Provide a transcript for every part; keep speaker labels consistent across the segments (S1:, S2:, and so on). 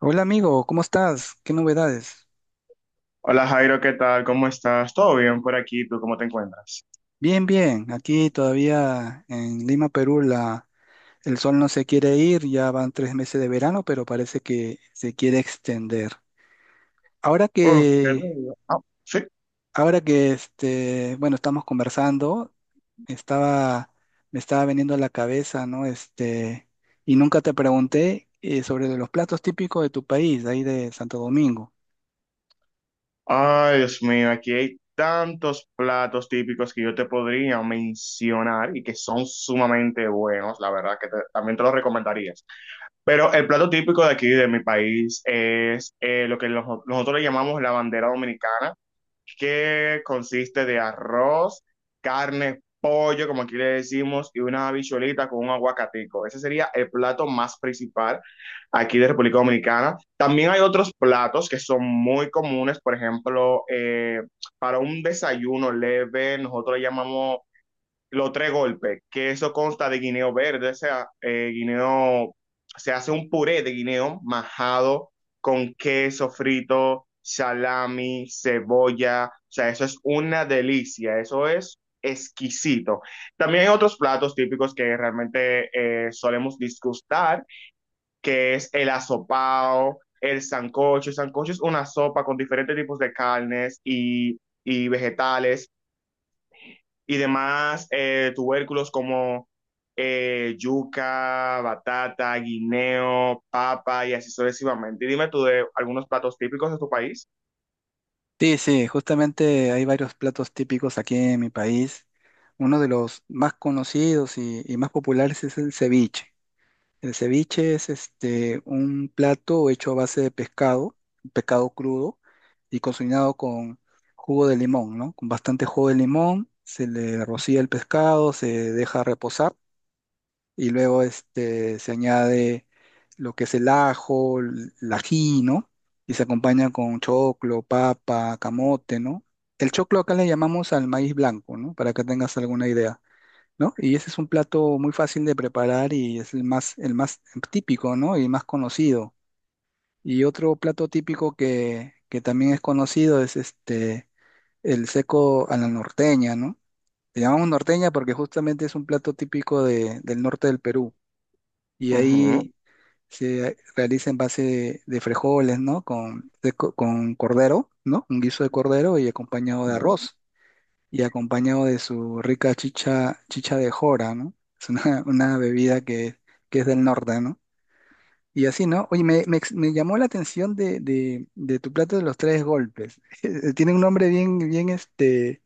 S1: Hola amigo, ¿cómo estás? ¿Qué novedades?
S2: Hola Jairo, ¿qué tal? ¿Cómo estás? ¿Todo bien por aquí? ¿Tú cómo te encuentras?
S1: Bien. Aquí todavía en Lima, Perú, el sol no se quiere ir. Ya van tres meses de verano, pero parece que se quiere extender. Ahora
S2: Uf, ¿qué te
S1: que,
S2: digo? Ah, sí.
S1: ahora que bueno, estamos conversando, estaba, me estaba veniendo a la cabeza, ¿no? Y nunca te pregunté sobre los platos típicos de tu país, de ahí de Santo Domingo.
S2: Ay, Dios mío, aquí hay tantos platos típicos que yo te podría mencionar y que son sumamente buenos, la verdad que también te los recomendarías. Pero el plato típico de aquí, de mi país, es lo que nosotros le llamamos la bandera dominicana, que consiste de arroz, carne, pollo, como aquí le decimos, y una habichuelita con un aguacatico. Ese sería el plato más principal aquí de República Dominicana. También hay otros platos que son muy comunes. Por ejemplo, para un desayuno leve, nosotros le llamamos los tres golpes, que eso consta de guineo verde, o sea, se hace un puré de guineo majado con queso frito, salami, cebolla. O sea, eso es una delicia, eso es exquisito. También hay otros platos típicos que realmente solemos disgustar, que es el asopao, el sancocho. El sancocho es una sopa con diferentes tipos de carnes y vegetales y demás tubérculos, como yuca, batata, guineo, papa y así sucesivamente. Y dime tú de algunos platos típicos de tu país.
S1: Sí, sí, justamente hay varios platos típicos aquí en mi país. Uno de los más conocidos y más populares es el ceviche. El ceviche es un plato hecho a base de pescado, pescado crudo y cocinado con jugo de limón, ¿no? Con bastante jugo de limón, se le rocía el pescado, se deja reposar y luego se añade lo que es el ajo, el ají, ¿no? Y se acompaña con choclo, papa, camote, ¿no? El choclo acá le llamamos al maíz blanco, ¿no? Para que tengas alguna idea, ¿no? Y ese es un plato muy fácil de preparar y es el más típico, ¿no? Y más conocido. Y otro plato típico que también es conocido es el seco a la norteña, ¿no? Le llamamos norteña porque justamente es un plato típico del norte del Perú y
S2: Ujú,
S1: ahí se realiza en base de frijoles, ¿no? Con, con cordero, ¿no? Un guiso de cordero y acompañado de
S2: claro.
S1: arroz y acompañado de su rica chicha, chicha de jora, ¿no? Es una bebida que es del norte, ¿no? Y así, ¿no? Oye, me llamó la atención de tu plato de los tres golpes. Tiene un nombre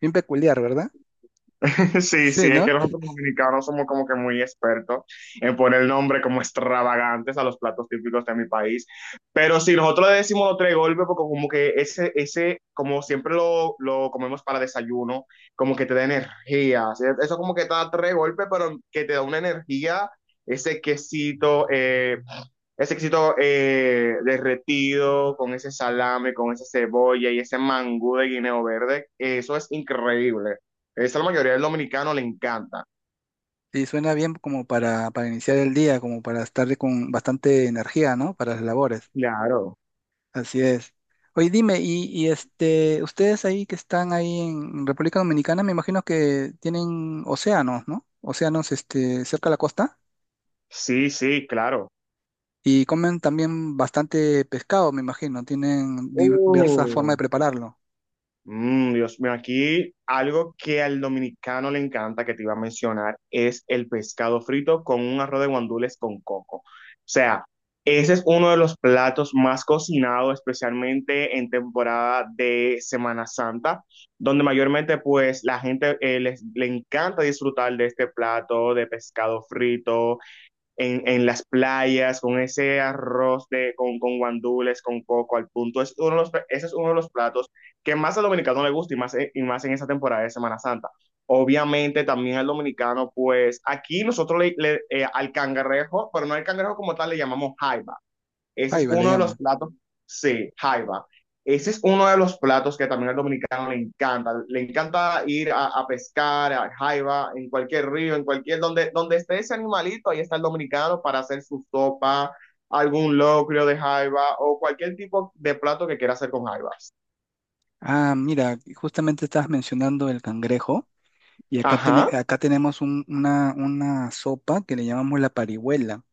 S1: bien peculiar, ¿verdad?
S2: Sí,
S1: Sí,
S2: sí, es
S1: ¿no?
S2: que nosotros los dominicanos somos como que muy expertos en poner nombre como extravagantes a los platos típicos de mi país. Pero sí, nosotros le decimos los tres golpes porque como que como siempre lo comemos para desayuno, como que te da energía. ¿Sí? Eso como que te da tres golpes, pero que te da una energía, ese quesito, ese éxito derretido con ese salame, con esa cebolla y ese mangú de guineo verde, eso es increíble. Eso a la mayoría del dominicano le encanta.
S1: Sí, suena bien como para iniciar el día, como para estar con bastante energía, ¿no? Para las labores.
S2: Claro.
S1: Así es. Oye, dime, y ustedes ahí que están ahí en República Dominicana, me imagino que tienen océanos, ¿no? Océanos, cerca de la costa
S2: Sí, sí, claro.
S1: y comen también bastante pescado, me imagino. Tienen diversas formas de prepararlo.
S2: Mm, Dios mío, aquí algo que al dominicano le encanta, que te iba a mencionar, es el pescado frito con un arroz de guandules con coco. O sea, ese es uno de los platos más cocinados, especialmente en temporada de Semana Santa, donde mayormente pues la gente le encanta disfrutar de este plato de pescado frito en las playas, con ese arroz con guandules, con coco al punto. Es ese es uno de los platos que más al dominicano le gusta, y más en esa temporada de Semana Santa. Obviamente también al dominicano, pues aquí nosotros le, al cangrejo, pero no al cangrejo como tal, le llamamos jaiba. Ese es
S1: Jaiba le
S2: uno de los
S1: llaman.
S2: platos, sí, jaiba. Ese es uno de los platos que también al dominicano le encanta. Le encanta ir a pescar, a jaiba, en cualquier río, en cualquier, donde esté ese animalito, ahí está el dominicano para hacer su sopa, algún locrio de jaiba o cualquier tipo de plato que quiera hacer con jaibas.
S1: Ah, mira, justamente estabas mencionando el cangrejo y
S2: Ajá.
S1: acá tenemos una sopa que le llamamos la parihuela.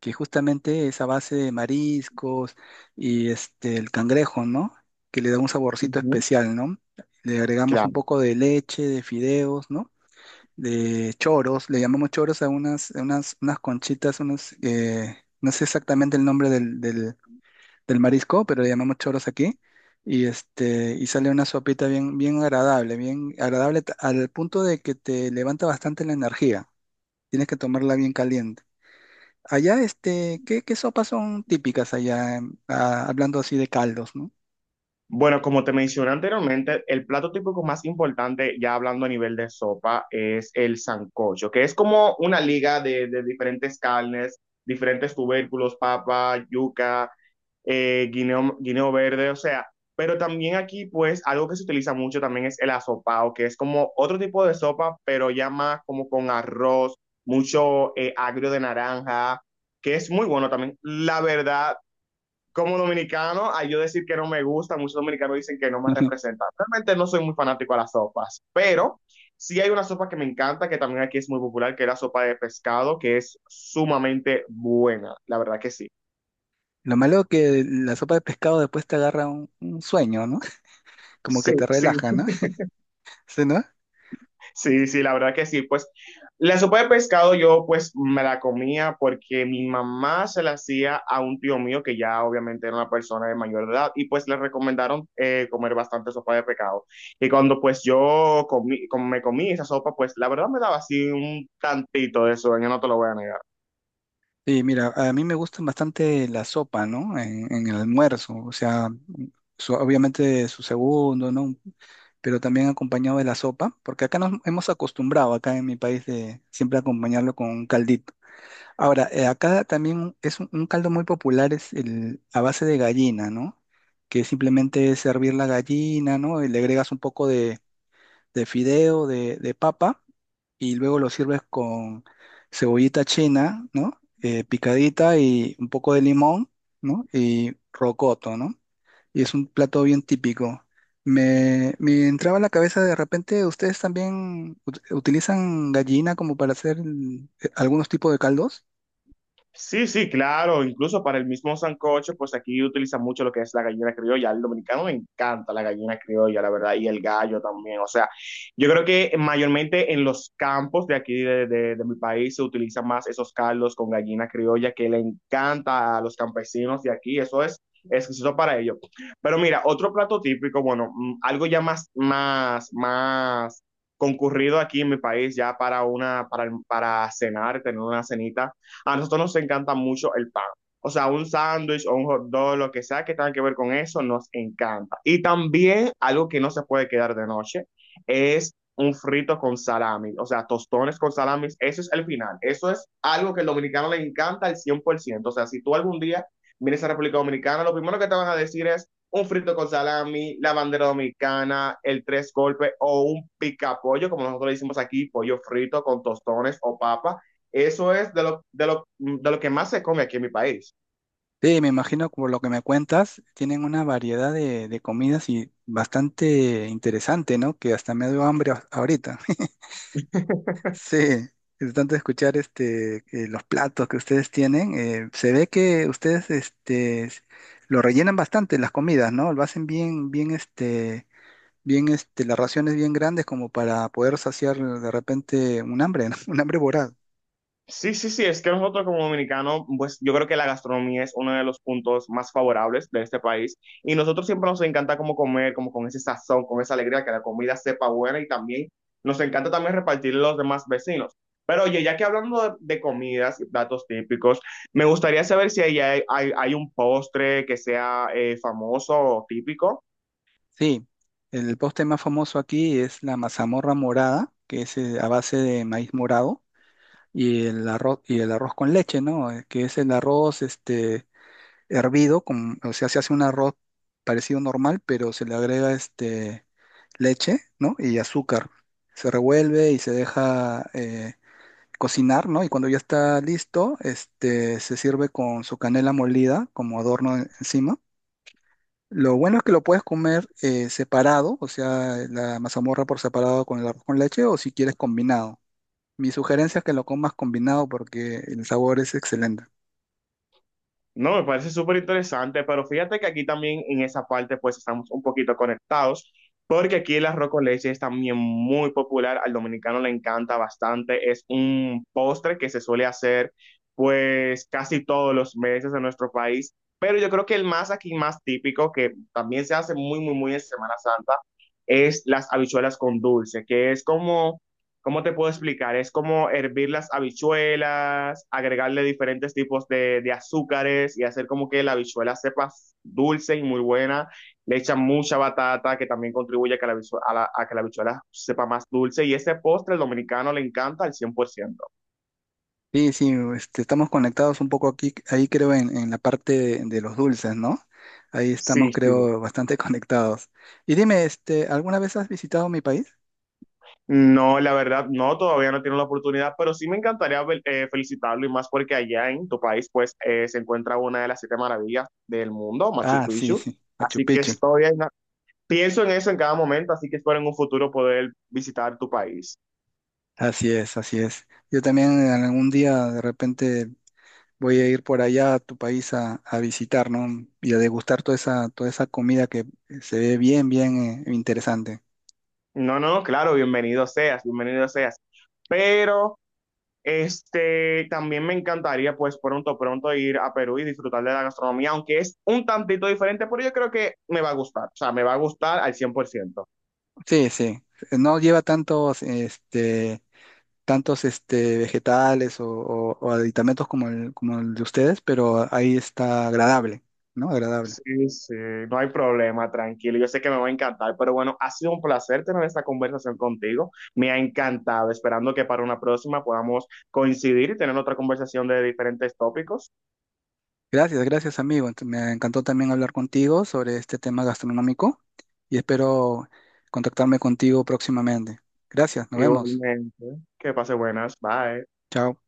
S1: Que justamente es a base de mariscos y el cangrejo, ¿no? Que le da un saborcito
S2: Ujú.
S1: especial, ¿no? Le agregamos un poco de leche, de fideos, ¿no? De choros, le llamamos choros a unas conchitas, unos, no sé exactamente el nombre del marisco, pero le llamamos choros aquí. Y sale una sopita bien agradable, bien agradable al punto de que te levanta bastante la energía. Tienes que tomarla bien caliente. Allá, qué sopas son típicas allá? Ah, hablando así de caldos, ¿no?
S2: Bueno, como te mencioné anteriormente, el plato típico más importante, ya hablando a nivel de sopa, es el sancocho, que es como una liga de diferentes carnes, diferentes tubérculos, papa, yuca, guineo, guineo verde. O sea, pero también aquí, pues, algo que se utiliza mucho también es el asopao, que es como otro tipo de sopa, pero ya más como con arroz, mucho agrio de naranja, que es muy bueno también. La verdad, como dominicano, a yo decir que no me gusta, muchos dominicanos dicen que no me representa. Realmente no soy muy fanático a las sopas, pero sí hay una sopa que me encanta, que también aquí es muy popular, que es la sopa de pescado, que es sumamente buena, la verdad que sí.
S1: Lo malo que la sopa de pescado después te agarra un sueño, ¿no? Como
S2: Sí,
S1: que te
S2: sí.
S1: relaja, ¿no? ¿Sí, no?
S2: Sí, sí, la verdad que sí. Pues la sopa de pescado yo pues me la comía porque mi mamá se la hacía a un tío mío que ya obviamente era una persona de mayor edad, y pues le recomendaron comer bastante sopa de pescado. Y cuando pues yo comí, como me comí esa sopa, pues la verdad me daba así un tantito de sueño, no te lo voy a negar.
S1: Sí, mira, a mí me gusta bastante la sopa, ¿no? En el almuerzo, o sea, obviamente su segundo, ¿no? Pero también acompañado de la sopa, porque acá nos hemos acostumbrado, acá en mi país, de siempre acompañarlo con un caldito. Ahora, acá también es un caldo muy popular, es el, a base de gallina, ¿no? Que simplemente es hervir la gallina, ¿no? Y le agregas un poco de fideo, de papa, y luego lo sirves con cebollita china, ¿no? Picadita y un poco de limón, ¿no? Y rocoto, ¿no? Y es un plato bien típico. Me entraba a la cabeza de repente, ¿ustedes también utilizan gallina como para hacer algunos tipos de caldos?
S2: Sí, sí, claro, incluso para el mismo sancocho, pues aquí utilizan mucho lo que es la gallina criolla. Al dominicano le encanta la gallina criolla, la verdad, y el gallo también. O sea, yo creo que mayormente en los campos de aquí de mi país se utilizan más esos caldos con gallina criolla, que le encanta a los campesinos de aquí. Eso es exquisito para ellos. Pero mira, otro plato típico, bueno, mm, algo ya más, más, más concurrido aquí en mi país, ya para cenar, tener una cenita, a nosotros nos encanta mucho el pan. O sea, un sándwich o un hot dog, lo que sea que tenga que ver con eso, nos encanta. Y también algo que no se puede quedar de noche es un frito con salami, o sea, tostones con salami, eso es el final. Eso es algo que al dominicano le encanta al 100%. O sea, si tú algún día vienes a República Dominicana, lo primero que te van a decir es un frito con salami, la bandera dominicana, el tres golpes o un picapollo, como nosotros le decimos aquí, pollo frito con tostones o papa. Eso es de lo que más se come aquí en mi país.
S1: Sí, me imagino por lo que me cuentas, tienen una variedad de comidas y bastante interesante, ¿no? Que hasta me dio hambre ahorita. Sí, es tanto escuchar los platos que ustedes tienen. Se ve que ustedes lo rellenan bastante las comidas, ¿no? Lo hacen las raciones bien grandes como para poder saciar de repente un hambre, ¿no? Un hambre voraz.
S2: Sí, sí, sí, es que nosotros como dominicanos, pues yo creo que la gastronomía es uno de los puntos más favorables de este país, y nosotros siempre nos encanta como comer, como con ese sazón, con esa alegría, que la comida sepa buena, y también nos encanta también repartirle a los demás vecinos. Pero oye, ya que hablando de comidas y platos típicos, me gustaría saber si ahí hay un postre que sea famoso o típico.
S1: Sí, el postre más famoso aquí es la mazamorra morada, que es a base de maíz morado, y el arroz con leche, ¿no? Que es el arroz hervido, con, o sea, se hace un arroz parecido normal, pero se le agrega leche, ¿no? Y azúcar. Se revuelve y se deja cocinar, ¿no? Y cuando ya está listo, se sirve con su canela molida como adorno encima. Lo bueno es que lo puedes comer separado, o sea, la mazamorra por separado con el arroz con leche, o si quieres combinado. Mi sugerencia es que lo comas combinado porque el sabor es excelente.
S2: No, me parece súper interesante, pero fíjate que aquí también en esa parte pues estamos un poquito conectados, porque aquí el arroz con leche es también muy popular, al dominicano le encanta bastante, es un postre que se suele hacer pues casi todos los meses en nuestro país. Pero yo creo que el más aquí más típico, que también se hace muy, muy, muy en Semana Santa, es las habichuelas con dulce, que es como. ¿Cómo te puedo explicar? Es como hervir las habichuelas, agregarle diferentes tipos de azúcares y hacer como que la habichuela sepa dulce y muy buena. Le echan mucha batata que también contribuye a que la, habichu- a la- a que la habichuela sepa más dulce. Y ese postre el dominicano le encanta al 100%.
S1: Sí, sí, estamos conectados un poco aquí, ahí creo en la parte de los dulces, ¿no? Ahí estamos,
S2: Sí, sí.
S1: creo, bastante conectados. Y dime, ¿alguna vez has visitado mi país?
S2: No, la verdad, no, todavía no tiene la oportunidad, pero sí me encantaría felicitarlo, y más porque allá en tu país pues se encuentra una de las siete maravillas del mundo, Machu
S1: Ah, sí,
S2: Picchu.
S1: sí, Machu
S2: Así que
S1: Picchu.
S2: estoy en. Pienso en eso en cada momento, así que espero en un futuro poder visitar tu país.
S1: Así es, así es. Yo también en algún día de repente voy a ir por allá a tu país a visitar, ¿no? Y a degustar toda esa comida que se ve bien, bien interesante.
S2: No, no, claro, bienvenido seas, bienvenido seas. Pero este también me encantaría pues pronto, pronto ir a Perú y disfrutar de la gastronomía, aunque es un tantito diferente, pero yo creo que me va a gustar, o sea, me va a gustar al 100%.
S1: Sí, sí. No lleva tantos, vegetales o, o aditamentos como como el de ustedes, pero ahí está agradable, ¿no? Agradable.
S2: Sí, sí, no hay problema, tranquilo. Yo sé que me va a encantar, pero bueno, ha sido un placer tener esta conversación contigo. Me ha encantado, esperando que para una próxima podamos coincidir y tener otra conversación de diferentes tópicos.
S1: Gracias, gracias, amigo. Me encantó también hablar contigo sobre este tema gastronómico y espero contactarme contigo próximamente. Gracias, nos vemos.
S2: Igualmente, que pase buenas, bye.
S1: Chao.